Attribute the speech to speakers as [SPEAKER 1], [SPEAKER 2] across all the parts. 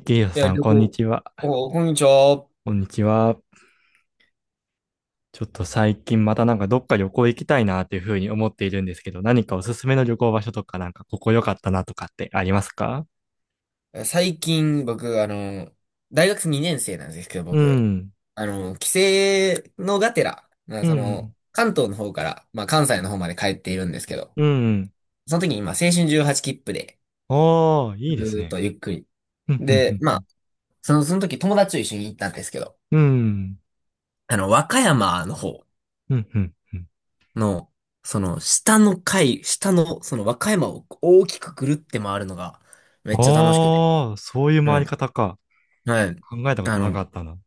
[SPEAKER 1] ゲイヨ
[SPEAKER 2] いや、
[SPEAKER 1] さん、
[SPEAKER 2] 旅
[SPEAKER 1] こんに
[SPEAKER 2] 行。
[SPEAKER 1] ちは。
[SPEAKER 2] お、こんにちは。
[SPEAKER 1] こんにちは。ちょっと最近またなんかどっか旅行行きたいなっていうふうに思っているんですけど、何かおすすめの旅行場所とかなんかここ良かったなとかってありますか？
[SPEAKER 2] 最近、僕、大学2年生なんですけど、
[SPEAKER 1] う
[SPEAKER 2] 僕、
[SPEAKER 1] ん。
[SPEAKER 2] 帰省のがてら、まあ、
[SPEAKER 1] うん。
[SPEAKER 2] 関東の方から、まあ、関西の方まで帰っているんですけど、
[SPEAKER 1] うん。
[SPEAKER 2] その時に今、青春18切符で、
[SPEAKER 1] ああ、い
[SPEAKER 2] ず
[SPEAKER 1] いです
[SPEAKER 2] ーっ
[SPEAKER 1] ね。
[SPEAKER 2] とゆっくり。
[SPEAKER 1] うん。う
[SPEAKER 2] で、ま
[SPEAKER 1] ん。
[SPEAKER 2] あ、その時友達と一緒に行ったんですけど、
[SPEAKER 1] うん。
[SPEAKER 2] 和歌山の方
[SPEAKER 1] うん。うん。うん。
[SPEAKER 2] の、その、下の階、下の、その和歌山を大きくぐるって回るのが、めっちゃ楽しくて。
[SPEAKER 1] ああー、そういう回
[SPEAKER 2] う
[SPEAKER 1] り
[SPEAKER 2] ん。
[SPEAKER 1] 方か。
[SPEAKER 2] はい。
[SPEAKER 1] 考えたこ
[SPEAKER 2] あ
[SPEAKER 1] とな
[SPEAKER 2] の、
[SPEAKER 1] か
[SPEAKER 2] い
[SPEAKER 1] ったな。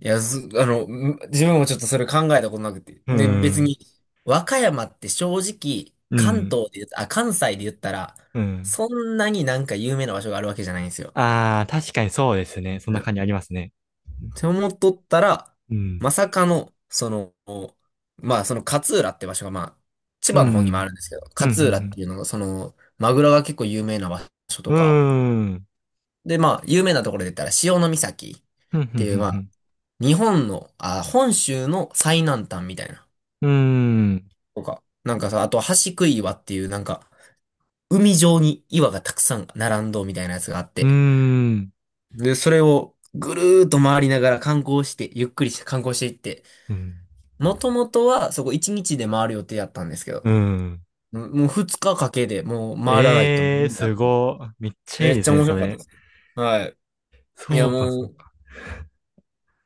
[SPEAKER 2] や、ず、あの、ん自分もちょっとそれ考えたことなくて。
[SPEAKER 1] う
[SPEAKER 2] で、別
[SPEAKER 1] ん。
[SPEAKER 2] に、和歌山って正直、
[SPEAKER 1] う
[SPEAKER 2] 関
[SPEAKER 1] ん。
[SPEAKER 2] 東で言うと、あ、関西で言ったら、
[SPEAKER 1] うん。
[SPEAKER 2] そんなになんか有名な場所があるわけじゃないんですよ。
[SPEAKER 1] ああ、確かにそうですね。そん
[SPEAKER 2] う
[SPEAKER 1] な
[SPEAKER 2] ん
[SPEAKER 1] 感じありますね。
[SPEAKER 2] って思っとったら、
[SPEAKER 1] うん。
[SPEAKER 2] まさかの、まあ、その勝浦って場所が、まあ、千
[SPEAKER 1] う
[SPEAKER 2] 葉の方にもあ
[SPEAKER 1] ん。
[SPEAKER 2] るんですけど、
[SPEAKER 1] うん。うん。う
[SPEAKER 2] 勝浦って
[SPEAKER 1] ん
[SPEAKER 2] いうのが、マグロが結構有名な場所と
[SPEAKER 1] う
[SPEAKER 2] か、
[SPEAKER 1] ーん。
[SPEAKER 2] で、まあ、有名なところで言ったら、潮岬
[SPEAKER 1] ふん
[SPEAKER 2] っ
[SPEAKER 1] ふ
[SPEAKER 2] て
[SPEAKER 1] ん
[SPEAKER 2] い
[SPEAKER 1] ふ
[SPEAKER 2] う、
[SPEAKER 1] ん
[SPEAKER 2] ま
[SPEAKER 1] ふ
[SPEAKER 2] あ、
[SPEAKER 1] ん。
[SPEAKER 2] 日本の、あ、本州の最南端みたいな、
[SPEAKER 1] うーん。
[SPEAKER 2] とか。なんかさ、あと、橋杭岩っていう、なんか、海上に岩がたくさん並んどうみたいなやつがあっ
[SPEAKER 1] うー
[SPEAKER 2] て。
[SPEAKER 1] ん。
[SPEAKER 2] で、それをぐるーっと回りながら観光して、ゆっくりして観光していって、
[SPEAKER 1] うん。
[SPEAKER 2] もともとはそこ1日で回る予定だったんですけど、
[SPEAKER 1] うん。
[SPEAKER 2] ももう2日かかけてもう回らないと
[SPEAKER 1] ええー、
[SPEAKER 2] 無理だ
[SPEAKER 1] す
[SPEAKER 2] と思って。
[SPEAKER 1] ごい。めっちゃい
[SPEAKER 2] め
[SPEAKER 1] い
[SPEAKER 2] っ
[SPEAKER 1] で
[SPEAKER 2] ち
[SPEAKER 1] す
[SPEAKER 2] ゃ
[SPEAKER 1] ね、
[SPEAKER 2] 面
[SPEAKER 1] そ
[SPEAKER 2] 白かった
[SPEAKER 1] れ。
[SPEAKER 2] ですね。はい。いや、
[SPEAKER 1] そうか、
[SPEAKER 2] も
[SPEAKER 1] そう
[SPEAKER 2] う、
[SPEAKER 1] か。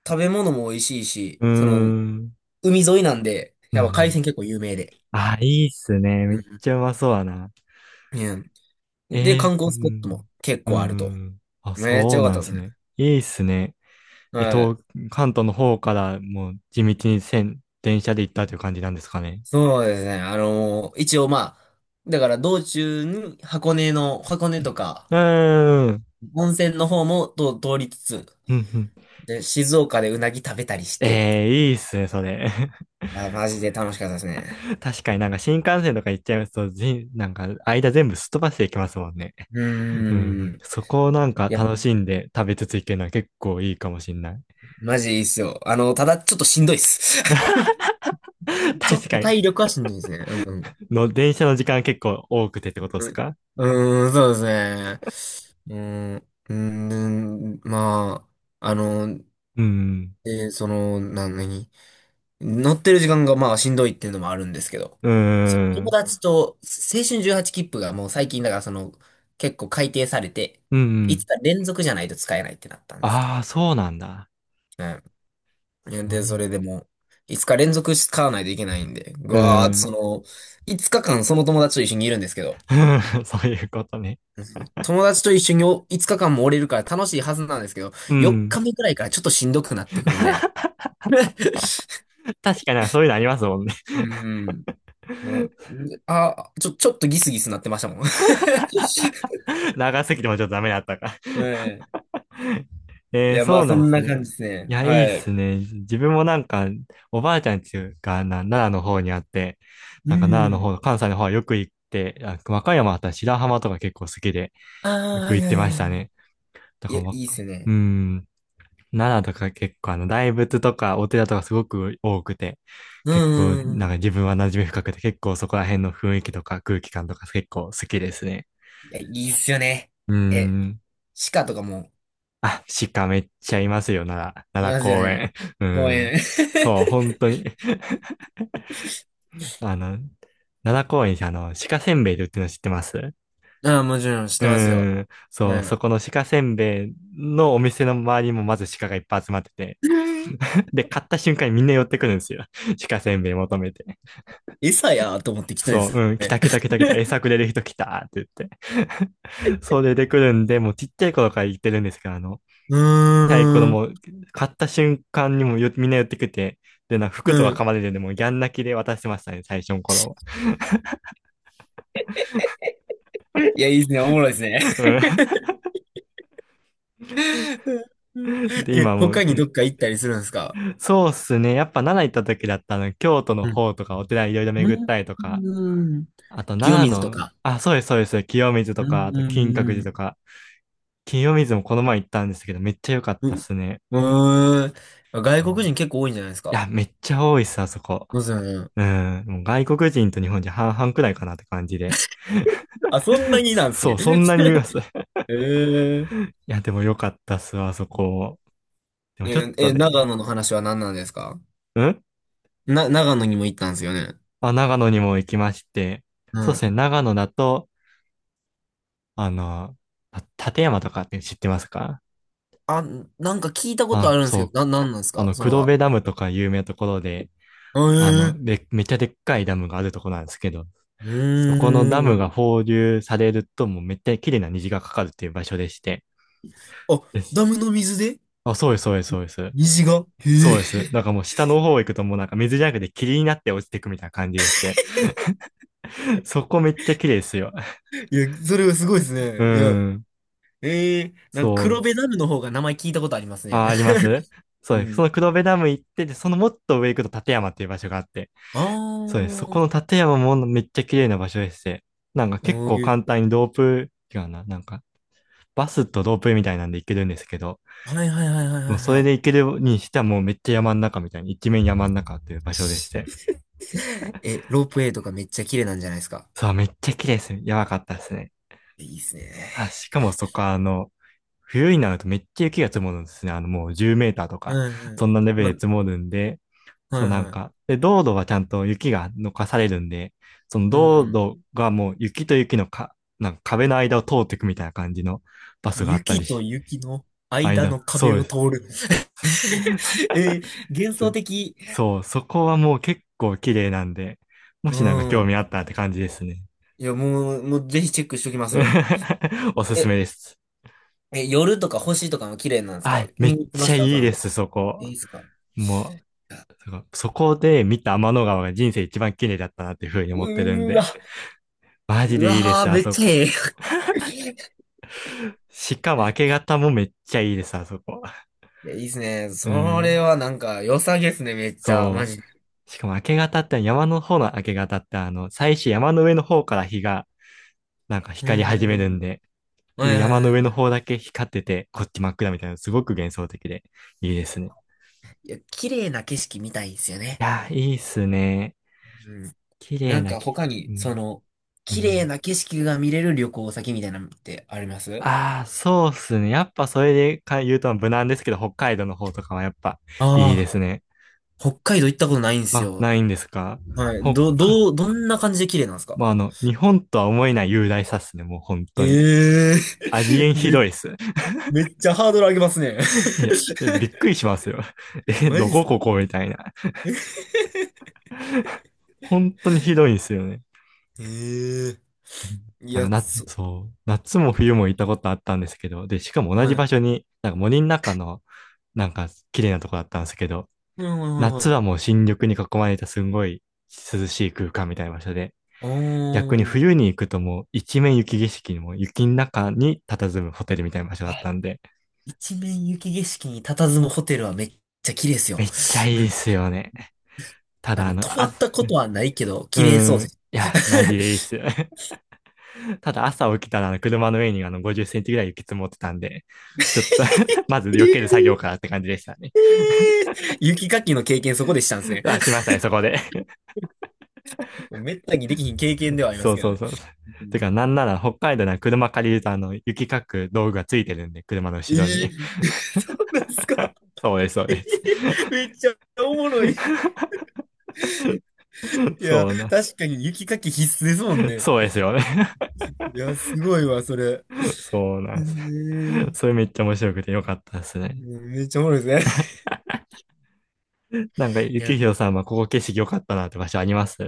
[SPEAKER 2] 食べ物も美味しいし、
[SPEAKER 1] うー
[SPEAKER 2] その、
[SPEAKER 1] ん。
[SPEAKER 2] 海沿いなんで、
[SPEAKER 1] う
[SPEAKER 2] やっぱ海鮮
[SPEAKER 1] ん。
[SPEAKER 2] 結構有名で。
[SPEAKER 1] あ、いいっすね。め
[SPEAKER 2] う
[SPEAKER 1] っ
[SPEAKER 2] ん。
[SPEAKER 1] ちゃうまそうだな。
[SPEAKER 2] うんで、
[SPEAKER 1] え
[SPEAKER 2] 観
[SPEAKER 1] えー、う
[SPEAKER 2] 光スポットも
[SPEAKER 1] ん。
[SPEAKER 2] 結
[SPEAKER 1] う
[SPEAKER 2] 構あると。
[SPEAKER 1] ん。あ、
[SPEAKER 2] めっちゃ
[SPEAKER 1] そう
[SPEAKER 2] 良かっ
[SPEAKER 1] なん
[SPEAKER 2] た
[SPEAKER 1] で
[SPEAKER 2] です
[SPEAKER 1] す
[SPEAKER 2] ね。
[SPEAKER 1] ね。いいっすね。えっ
[SPEAKER 2] は
[SPEAKER 1] と、
[SPEAKER 2] い。
[SPEAKER 1] 関東の方からもう地道に線、電車で行ったという感じなんですかね。
[SPEAKER 2] そうですね。一応まあ、だから道中に箱根とか、
[SPEAKER 1] うーん。
[SPEAKER 2] 温泉の方もと通りつつ、
[SPEAKER 1] うんうん。
[SPEAKER 2] で、静岡でうなぎ食べたりしてって。
[SPEAKER 1] ええー、いいっすね、それ。
[SPEAKER 2] あ、マジで楽しかったですね。
[SPEAKER 1] 確かになんか新幹線とか行っちゃいますと、じなんか間全部すっ飛ばしていきますもんね。
[SPEAKER 2] う
[SPEAKER 1] うん。
[SPEAKER 2] ーん。
[SPEAKER 1] そこをなんか
[SPEAKER 2] いや、
[SPEAKER 1] 楽しんで食べつつ行けるのは結構いいかもしんない。
[SPEAKER 2] マジいいっすよ。ただちょっとしんどいっす。ちょ
[SPEAKER 1] 確
[SPEAKER 2] っ
[SPEAKER 1] か
[SPEAKER 2] と
[SPEAKER 1] に。
[SPEAKER 2] 体力はしんどいですね。うん。
[SPEAKER 1] の、電車の時間結構多くてってことですか？
[SPEAKER 2] うん、うーんそうですね。うーん、うーん、まあ、あの、
[SPEAKER 1] うん。
[SPEAKER 2] えーその、な、何乗ってる時間がまあしんどいっていうのもあるんですけど、
[SPEAKER 1] う
[SPEAKER 2] そう
[SPEAKER 1] ー
[SPEAKER 2] 友
[SPEAKER 1] ん。
[SPEAKER 2] 達と青春18切符がもう最近だからその結構改定されて、
[SPEAKER 1] う
[SPEAKER 2] 5
[SPEAKER 1] ん。
[SPEAKER 2] 日連続じゃないと使えないってなったんですけ
[SPEAKER 1] ああ、そうなんだ。
[SPEAKER 2] ど。うん。
[SPEAKER 1] そう
[SPEAKER 2] で、そ
[SPEAKER 1] ね。
[SPEAKER 2] れでも5日連続使わないといけないんで、ぐ
[SPEAKER 1] う
[SPEAKER 2] わーっとそ
[SPEAKER 1] ん。
[SPEAKER 2] の5日間その友達と一緒にいるんですけど、
[SPEAKER 1] そういうことね。
[SPEAKER 2] うん友達と一緒に5日間もおれるから楽しいはずなんですけど、
[SPEAKER 1] う
[SPEAKER 2] 4
[SPEAKER 1] ん。
[SPEAKER 2] 日目くらいからちょっとしんどくなってくるみたいな。
[SPEAKER 1] 確かになんかそういうのありますもんね。
[SPEAKER 2] うん。うんあ、ちょっとギスギスなってましたもん。は
[SPEAKER 1] 長すぎてもちょっとダメだったか。
[SPEAKER 2] い。い
[SPEAKER 1] えー、
[SPEAKER 2] や、ま
[SPEAKER 1] そ
[SPEAKER 2] あ、
[SPEAKER 1] う
[SPEAKER 2] そ
[SPEAKER 1] なんで
[SPEAKER 2] ん
[SPEAKER 1] す
[SPEAKER 2] な感
[SPEAKER 1] ね。
[SPEAKER 2] じです
[SPEAKER 1] い
[SPEAKER 2] ね。
[SPEAKER 1] や、いいっ
[SPEAKER 2] はい。
[SPEAKER 1] すね。自分もなんか、おばあちゃんちがな奈良の方にあって、
[SPEAKER 2] う
[SPEAKER 1] なんか奈良の
[SPEAKER 2] ん。
[SPEAKER 1] 方、関西の方はよく行って、あ、和歌山あったら白浜とか結構好きで、よ
[SPEAKER 2] ああ、
[SPEAKER 1] く
[SPEAKER 2] い
[SPEAKER 1] 行っ
[SPEAKER 2] や
[SPEAKER 1] て
[SPEAKER 2] いや
[SPEAKER 1] ま
[SPEAKER 2] い
[SPEAKER 1] した
[SPEAKER 2] や。
[SPEAKER 1] ね。だ
[SPEAKER 2] い
[SPEAKER 1] か
[SPEAKER 2] や、
[SPEAKER 1] ら、わ
[SPEAKER 2] いいっすよ
[SPEAKER 1] う
[SPEAKER 2] ね。
[SPEAKER 1] ん、奈良とか結構大仏とかお寺とかすごく多くて、
[SPEAKER 2] う
[SPEAKER 1] 結構、
[SPEAKER 2] んうんう
[SPEAKER 1] なん
[SPEAKER 2] ん。
[SPEAKER 1] か自分は馴染み深くて、結構そこら辺の雰囲気とか空気感とか結構好きですね。
[SPEAKER 2] いや、いいっすよね。
[SPEAKER 1] う
[SPEAKER 2] え、
[SPEAKER 1] ん。
[SPEAKER 2] 鹿とかも、
[SPEAKER 1] あ、鹿めっちゃいますよ、奈良、
[SPEAKER 2] い
[SPEAKER 1] 奈良
[SPEAKER 2] ますよ
[SPEAKER 1] 公
[SPEAKER 2] ね。
[SPEAKER 1] 園。う
[SPEAKER 2] 公
[SPEAKER 1] ん。
[SPEAKER 2] 園。
[SPEAKER 1] そう、本当に。あの、奈良公園に鹿せんべいで売ってるの知ってます？
[SPEAKER 2] ああ、もちろん、し
[SPEAKER 1] う
[SPEAKER 2] てますよ。
[SPEAKER 1] ん。そ
[SPEAKER 2] は
[SPEAKER 1] う、そ
[SPEAKER 2] い。
[SPEAKER 1] この鹿せんべいのお店の周りもまず鹿がいっぱい集まってて。
[SPEAKER 2] うん
[SPEAKER 1] で、買った瞬間にみんな寄ってくるんですよ。鹿せんべい求めて。
[SPEAKER 2] 餌やーと思って来たんで
[SPEAKER 1] そ
[SPEAKER 2] す
[SPEAKER 1] う、
[SPEAKER 2] よ
[SPEAKER 1] うん、来
[SPEAKER 2] ね。
[SPEAKER 1] た来た来た来た、餌くれる人来たって言って。そう出てくるんで、もうちっちゃい頃から言ってるんですけど、
[SPEAKER 2] う
[SPEAKER 1] キャイコの
[SPEAKER 2] ー
[SPEAKER 1] も
[SPEAKER 2] ん。
[SPEAKER 1] う、買った瞬間にもよみんな寄ってくて、で、なんか
[SPEAKER 2] う
[SPEAKER 1] 服とか
[SPEAKER 2] ん。
[SPEAKER 1] 噛まれてでもうギャン泣きで渡してましたね、最初の頃。
[SPEAKER 2] いや、いいっすね。おもろいっすね。
[SPEAKER 1] うん。 で、今
[SPEAKER 2] え、
[SPEAKER 1] はもう、
[SPEAKER 2] 他にど
[SPEAKER 1] で、
[SPEAKER 2] っか行ったりするんですか？
[SPEAKER 1] そうっすね。やっぱ奈良行った時だったの、京都の方とかお寺いろいろ巡ったりとか、
[SPEAKER 2] うん。
[SPEAKER 1] あと
[SPEAKER 2] 清
[SPEAKER 1] 奈良
[SPEAKER 2] 水と
[SPEAKER 1] の、
[SPEAKER 2] か。
[SPEAKER 1] あ、そうです、そうです。清水と
[SPEAKER 2] う
[SPEAKER 1] か、あ
[SPEAKER 2] ん、
[SPEAKER 1] と金閣
[SPEAKER 2] う
[SPEAKER 1] 寺と
[SPEAKER 2] ん、
[SPEAKER 1] か、清水もこの前行ったんですけど、めっちゃ良かっ
[SPEAKER 2] う
[SPEAKER 1] た
[SPEAKER 2] ん。
[SPEAKER 1] っ
[SPEAKER 2] う、
[SPEAKER 1] すね。
[SPEAKER 2] うーん。
[SPEAKER 1] う
[SPEAKER 2] 外国
[SPEAKER 1] ん。
[SPEAKER 2] 人結構多いんじゃないです
[SPEAKER 1] い
[SPEAKER 2] か？
[SPEAKER 1] や、めっちゃ多いっす、あそこ。
[SPEAKER 2] そうですよね。
[SPEAKER 1] うん、もう外国人と日本人半々くらいかなって感じで。
[SPEAKER 2] あ、そんなにな
[SPEAKER 1] そ
[SPEAKER 2] んです
[SPEAKER 1] そ
[SPEAKER 2] ね。
[SPEAKER 1] う、そんなにいます。
[SPEAKER 2] えー、
[SPEAKER 1] いや、でも良かったっすわ、あそこ。でもちょっ
[SPEAKER 2] え、
[SPEAKER 1] と
[SPEAKER 2] え長
[SPEAKER 1] ね、
[SPEAKER 2] 野の話は何なんですか？
[SPEAKER 1] うん、
[SPEAKER 2] な、長野にも行ったんですよね。
[SPEAKER 1] あ、長野にも行きまして、
[SPEAKER 2] う
[SPEAKER 1] そうです
[SPEAKER 2] ん。
[SPEAKER 1] ね、長野だと、あの、た立山とかって知ってます？か
[SPEAKER 2] あ、なんか聞いたことあ
[SPEAKER 1] あ、
[SPEAKER 2] るんです
[SPEAKER 1] そ
[SPEAKER 2] け
[SPEAKER 1] う、
[SPEAKER 2] ど、なんなんですかそれ
[SPEAKER 1] 黒
[SPEAKER 2] は。
[SPEAKER 1] 部ダムとか有名なところで、
[SPEAKER 2] えー、
[SPEAKER 1] で、めっちゃでっかいダムがあるとこなんですけど、
[SPEAKER 2] う
[SPEAKER 1] そこのダ
[SPEAKER 2] ー
[SPEAKER 1] ムが
[SPEAKER 2] ん。
[SPEAKER 1] 放流されると、もうめっちゃ綺麗な虹がかかるっていう場所でして、
[SPEAKER 2] あ、
[SPEAKER 1] です。
[SPEAKER 2] ダムの水で
[SPEAKER 1] あ、そうです、そうです、そうです。
[SPEAKER 2] 虹がへ
[SPEAKER 1] そう
[SPEAKER 2] え。
[SPEAKER 1] です。なんかもう下の方行くともうなんか水じゃなくて霧になって落ちてくみたいな感じでして、そこめっちゃ綺麗ですよ。
[SPEAKER 2] いや、それはすごいです
[SPEAKER 1] う
[SPEAKER 2] ね。いや、
[SPEAKER 1] ん。
[SPEAKER 2] ええなんか
[SPEAKER 1] そう
[SPEAKER 2] 黒
[SPEAKER 1] で
[SPEAKER 2] 部
[SPEAKER 1] す。
[SPEAKER 2] ダムの方が名前聞いたことありますね。
[SPEAKER 1] あ、あります。 そうで
[SPEAKER 2] う
[SPEAKER 1] す。そ
[SPEAKER 2] ん。
[SPEAKER 1] の黒部ダム行って、で、そのもっと上行くと立山っていう場所があって。
[SPEAKER 2] あ
[SPEAKER 1] そうです。そこ
[SPEAKER 2] あ、
[SPEAKER 1] の立山もめっちゃ綺麗な場所でして。なんか
[SPEAKER 2] お
[SPEAKER 1] 結構
[SPEAKER 2] ー
[SPEAKER 1] 簡単にロープ、違うな。なんか、バスとロープみたいなんで行けるんですけど、
[SPEAKER 2] はいはいはいはいは
[SPEAKER 1] もう
[SPEAKER 2] い
[SPEAKER 1] それ
[SPEAKER 2] は
[SPEAKER 1] で
[SPEAKER 2] い。
[SPEAKER 1] 行けるにしてはもうめっちゃ山の中みたいに、一面山の中という 場所でし
[SPEAKER 2] し
[SPEAKER 1] て。
[SPEAKER 2] え、ロープウェイとかめっちゃ綺麗なんじゃないですか？
[SPEAKER 1] そう、めっちゃ綺麗です。やばかったですね。
[SPEAKER 2] いいっす
[SPEAKER 1] あ、
[SPEAKER 2] ね。
[SPEAKER 1] しかもそこは冬になるとめっちゃ雪が積もるんですね。もう10メーターと
[SPEAKER 2] う
[SPEAKER 1] か、
[SPEAKER 2] んう
[SPEAKER 1] そんなレ
[SPEAKER 2] ん。
[SPEAKER 1] ベルで
[SPEAKER 2] ま、
[SPEAKER 1] 積もるんで、
[SPEAKER 2] はい
[SPEAKER 1] そうなん
[SPEAKER 2] は
[SPEAKER 1] か、
[SPEAKER 2] い。
[SPEAKER 1] で、道路はちゃんと雪が残かされるんで、その
[SPEAKER 2] う
[SPEAKER 1] 道
[SPEAKER 2] ん。
[SPEAKER 1] 路がもう雪と雪のか、なんか壁の間を通っていくみたいな感じのバスがあったり
[SPEAKER 2] 雪と
[SPEAKER 1] し、
[SPEAKER 2] 雪の間
[SPEAKER 1] 間、
[SPEAKER 2] の
[SPEAKER 1] そ
[SPEAKER 2] 壁
[SPEAKER 1] うで
[SPEAKER 2] を
[SPEAKER 1] す。
[SPEAKER 2] 通る。えー、幻
[SPEAKER 1] そ
[SPEAKER 2] 想的。
[SPEAKER 1] そう、そこはもう結構綺麗なんで、も
[SPEAKER 2] う
[SPEAKER 1] しなんか興
[SPEAKER 2] ん。
[SPEAKER 1] 味あったらって感じですね。
[SPEAKER 2] いや、もう、もうぜひチェックしときますよ。
[SPEAKER 1] おすす
[SPEAKER 2] え、
[SPEAKER 1] めです。
[SPEAKER 2] え、夜とか星とかも綺麗なんです
[SPEAKER 1] は
[SPEAKER 2] か？
[SPEAKER 1] い、め
[SPEAKER 2] 見
[SPEAKER 1] っ
[SPEAKER 2] に行きま
[SPEAKER 1] ち
[SPEAKER 2] し
[SPEAKER 1] ゃ
[SPEAKER 2] た
[SPEAKER 1] い
[SPEAKER 2] そ
[SPEAKER 1] いで
[SPEAKER 2] の、
[SPEAKER 1] す、そ
[SPEAKER 2] い
[SPEAKER 1] こ。
[SPEAKER 2] いですか？
[SPEAKER 1] もう、そこそこで見た天の川が人生一番綺麗だったなっていうふうに思ってるん
[SPEAKER 2] うーわ
[SPEAKER 1] で、マジ
[SPEAKER 2] う
[SPEAKER 1] でいいで
[SPEAKER 2] わー、
[SPEAKER 1] す、あ
[SPEAKER 2] めっ
[SPEAKER 1] そ
[SPEAKER 2] ちゃ
[SPEAKER 1] こ。
[SPEAKER 2] ええ。
[SPEAKER 1] しかも明け方もめっちゃいいです、あそこ。
[SPEAKER 2] いや、いいっすね。
[SPEAKER 1] う
[SPEAKER 2] それ
[SPEAKER 1] ん。
[SPEAKER 2] はなんか良さげっすね、めっちゃ。マ
[SPEAKER 1] そ
[SPEAKER 2] ジ
[SPEAKER 1] う。
[SPEAKER 2] で。
[SPEAKER 1] しかも明け方って山の方の明け方って最初山の上の方から日がなんか
[SPEAKER 2] う
[SPEAKER 1] 光
[SPEAKER 2] ん、
[SPEAKER 1] り
[SPEAKER 2] うん、
[SPEAKER 1] 始める
[SPEAKER 2] う
[SPEAKER 1] ん
[SPEAKER 2] ん。
[SPEAKER 1] で、
[SPEAKER 2] は
[SPEAKER 1] 上
[SPEAKER 2] いは
[SPEAKER 1] 山
[SPEAKER 2] い
[SPEAKER 1] の
[SPEAKER 2] は
[SPEAKER 1] 上
[SPEAKER 2] いは
[SPEAKER 1] の
[SPEAKER 2] い。
[SPEAKER 1] 方だけ光ってて、こっち真っ暗みたいな、すごく幻想的でいいで
[SPEAKER 2] いや、
[SPEAKER 1] すね。い
[SPEAKER 2] いや綺麗な景色見たいですよね。
[SPEAKER 1] やー、いいっすね。
[SPEAKER 2] うん。
[SPEAKER 1] 綺
[SPEAKER 2] な
[SPEAKER 1] 麗
[SPEAKER 2] ん
[SPEAKER 1] な
[SPEAKER 2] か
[SPEAKER 1] 景
[SPEAKER 2] 他
[SPEAKER 1] 色。
[SPEAKER 2] に、
[SPEAKER 1] う
[SPEAKER 2] そ
[SPEAKER 1] ん。
[SPEAKER 2] の、
[SPEAKER 1] う
[SPEAKER 2] 綺麗
[SPEAKER 1] ん。
[SPEAKER 2] な景色が見れる旅行先みたいなのってあります？
[SPEAKER 1] ああ、そうっすね。やっぱそれでか言うと無難ですけど、北海道の方とかはやっぱいいで
[SPEAKER 2] ああ
[SPEAKER 1] すね。
[SPEAKER 2] ー、北海道行ったことないんです
[SPEAKER 1] あ、
[SPEAKER 2] よ。
[SPEAKER 1] ないんですか？
[SPEAKER 2] はい。
[SPEAKER 1] 北
[SPEAKER 2] ど、
[SPEAKER 1] 海、
[SPEAKER 2] どう、どんな感じで綺麗なんですか？
[SPEAKER 1] まあ、日本とは思えない雄大さっすね。もう本
[SPEAKER 2] え
[SPEAKER 1] 当に。
[SPEAKER 2] え
[SPEAKER 1] ありえ
[SPEAKER 2] ー、
[SPEAKER 1] んひどいっす。
[SPEAKER 2] め、めっちゃハードル上げますね。
[SPEAKER 1] いや、えびっく りしますよ。え、
[SPEAKER 2] マ
[SPEAKER 1] ど
[SPEAKER 2] ジっ
[SPEAKER 1] こ
[SPEAKER 2] す
[SPEAKER 1] こ
[SPEAKER 2] か？
[SPEAKER 1] こみたいな。本当にひどいんですよね。
[SPEAKER 2] ええー
[SPEAKER 1] でも
[SPEAKER 2] い
[SPEAKER 1] なん
[SPEAKER 2] や、
[SPEAKER 1] かな、
[SPEAKER 2] そ、
[SPEAKER 1] そう、夏も冬も行ったことあったんですけど、で、しかも同
[SPEAKER 2] は
[SPEAKER 1] じ場
[SPEAKER 2] い。
[SPEAKER 1] 所に、なんか森の中の、なんか綺麗なとこだったんですけど、
[SPEAKER 2] はいはいはい
[SPEAKER 1] 夏
[SPEAKER 2] はい。
[SPEAKER 1] はもう新緑に囲まれたすんごい涼しい空間みたいな場所で、
[SPEAKER 2] お
[SPEAKER 1] 逆に
[SPEAKER 2] ー。
[SPEAKER 1] 冬に行くともう一面雪景色にも雪の中に佇むホテルみたいな場所だ
[SPEAKER 2] は
[SPEAKER 1] っ
[SPEAKER 2] い
[SPEAKER 1] たんで、
[SPEAKER 2] 一面雪景色に佇むホテルはめっちゃ綺麗です
[SPEAKER 1] め
[SPEAKER 2] よ。
[SPEAKER 1] っちゃい
[SPEAKER 2] う
[SPEAKER 1] いっ
[SPEAKER 2] ん。
[SPEAKER 1] すよね。た
[SPEAKER 2] あ
[SPEAKER 1] だ
[SPEAKER 2] の、泊ま
[SPEAKER 1] あ、
[SPEAKER 2] ったことはないけど、
[SPEAKER 1] う
[SPEAKER 2] 綺麗
[SPEAKER 1] ー
[SPEAKER 2] そうで
[SPEAKER 1] ん。
[SPEAKER 2] す。
[SPEAKER 1] いや、マジでいいっ す。ただ朝起きたら車の上に50センチぐらい雪積もってたんで、ちょっと まず
[SPEAKER 2] え
[SPEAKER 1] 避ける作業
[SPEAKER 2] ー
[SPEAKER 1] からって感じでしたね。
[SPEAKER 2] えー雪かきの経験そこでしたんですね。
[SPEAKER 1] あ、しましたね、そこで。
[SPEAKER 2] もうめったにできひん経験では ありま
[SPEAKER 1] そ
[SPEAKER 2] す
[SPEAKER 1] う
[SPEAKER 2] けど
[SPEAKER 1] そう
[SPEAKER 2] ね。
[SPEAKER 1] そう。
[SPEAKER 2] う
[SPEAKER 1] てか、
[SPEAKER 2] ん
[SPEAKER 1] なんなら北海道なら車借りると雪かく道具がついてるんで、車の
[SPEAKER 2] え
[SPEAKER 1] 後ろに。
[SPEAKER 2] ー、そうなんですか？
[SPEAKER 1] そうです、そう
[SPEAKER 2] え
[SPEAKER 1] で
[SPEAKER 2] ー
[SPEAKER 1] す。
[SPEAKER 2] めっちゃおもろい。いや、
[SPEAKER 1] そうなんです。
[SPEAKER 2] 確かに雪かき必須ですもん ね。
[SPEAKER 1] そうですよね。
[SPEAKER 2] いや、すごいわ、それ。
[SPEAKER 1] そうな
[SPEAKER 2] え
[SPEAKER 1] んです。
[SPEAKER 2] ー、
[SPEAKER 1] それめっちゃ面白くてよかったですね。
[SPEAKER 2] めっちゃおもろいですね。
[SPEAKER 1] なんか、ゆ
[SPEAKER 2] いや、
[SPEAKER 1] きひろさんはここ景色良かったなって場所あります？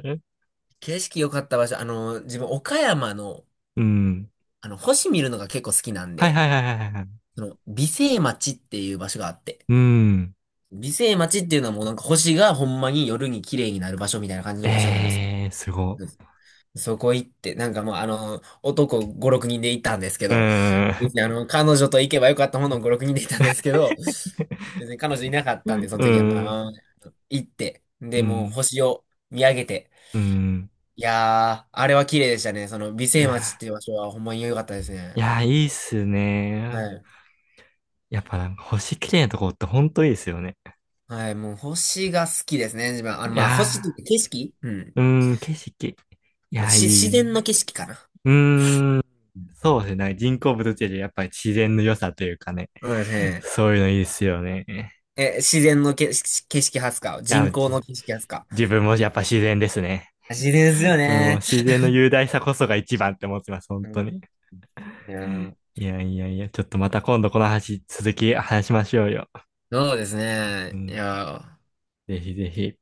[SPEAKER 2] 景色良かった場所、自分、岡山の、
[SPEAKER 1] うん。
[SPEAKER 2] 星見るのが結構好きなん
[SPEAKER 1] はい
[SPEAKER 2] で、
[SPEAKER 1] はいはいはいはい。
[SPEAKER 2] その、美星町っていう場所があって、
[SPEAKER 1] うん。
[SPEAKER 2] 美星町っていうのはもうなんか星がほんまに夜に綺麗になる場所みたいな感じの場所なんです。
[SPEAKER 1] ええー、すご。
[SPEAKER 2] うんそこ行って、なんかもうあの、男5、6人で行ったんですけ
[SPEAKER 1] う
[SPEAKER 2] ど、
[SPEAKER 1] ー
[SPEAKER 2] 別にあ
[SPEAKER 1] ん。
[SPEAKER 2] の、彼女と行けばよかったものを5、6人で行ったんですけど、別に彼女いなかっ たん
[SPEAKER 1] う
[SPEAKER 2] で、その時は
[SPEAKER 1] ん。
[SPEAKER 2] まあ、行って、
[SPEAKER 1] う
[SPEAKER 2] で、もう
[SPEAKER 1] ん。
[SPEAKER 2] 星を見上げて、
[SPEAKER 1] うん。
[SPEAKER 2] いやー、あれは綺麗でしたね。その、美
[SPEAKER 1] い
[SPEAKER 2] 星町っ
[SPEAKER 1] や、
[SPEAKER 2] ていう場所はほんまに良かったです
[SPEAKER 1] い
[SPEAKER 2] ね。
[SPEAKER 1] や、いいっすね。
[SPEAKER 2] はい。
[SPEAKER 1] やっぱなんか星綺麗なとこってほんといいですよね。
[SPEAKER 2] はい、もう星が好きですね、自分。あ
[SPEAKER 1] い
[SPEAKER 2] の、まあ、星って
[SPEAKER 1] や
[SPEAKER 2] いうか景色うん。
[SPEAKER 1] ー、うーん、景色。い
[SPEAKER 2] あの
[SPEAKER 1] や、
[SPEAKER 2] し、
[SPEAKER 1] い
[SPEAKER 2] 自
[SPEAKER 1] い
[SPEAKER 2] 然の
[SPEAKER 1] な。
[SPEAKER 2] 景色かな。
[SPEAKER 1] うーん。
[SPEAKER 2] うん
[SPEAKER 1] そうですね。人工物っていうよりやっぱり自然の良さというかね。
[SPEAKER 2] そうですね。
[SPEAKER 1] そういうのいいですよね。い
[SPEAKER 2] え、自然の景色派っすか？
[SPEAKER 1] や、
[SPEAKER 2] 人工の
[SPEAKER 1] じ
[SPEAKER 2] 景色派っすか？
[SPEAKER 1] 自分もやっぱ自然ですね。
[SPEAKER 2] 自然ですよ
[SPEAKER 1] うん、もう
[SPEAKER 2] ね。
[SPEAKER 1] 自然の雄大さこそが一番って思ってます。本
[SPEAKER 2] う
[SPEAKER 1] 当
[SPEAKER 2] ん。
[SPEAKER 1] に。
[SPEAKER 2] いやー、
[SPEAKER 1] いやいやいや、ちょっとまた今度この話、続き話しましょうよ。
[SPEAKER 2] そうです
[SPEAKER 1] う
[SPEAKER 2] ね。い
[SPEAKER 1] ん。
[SPEAKER 2] やー。
[SPEAKER 1] ぜひぜひ。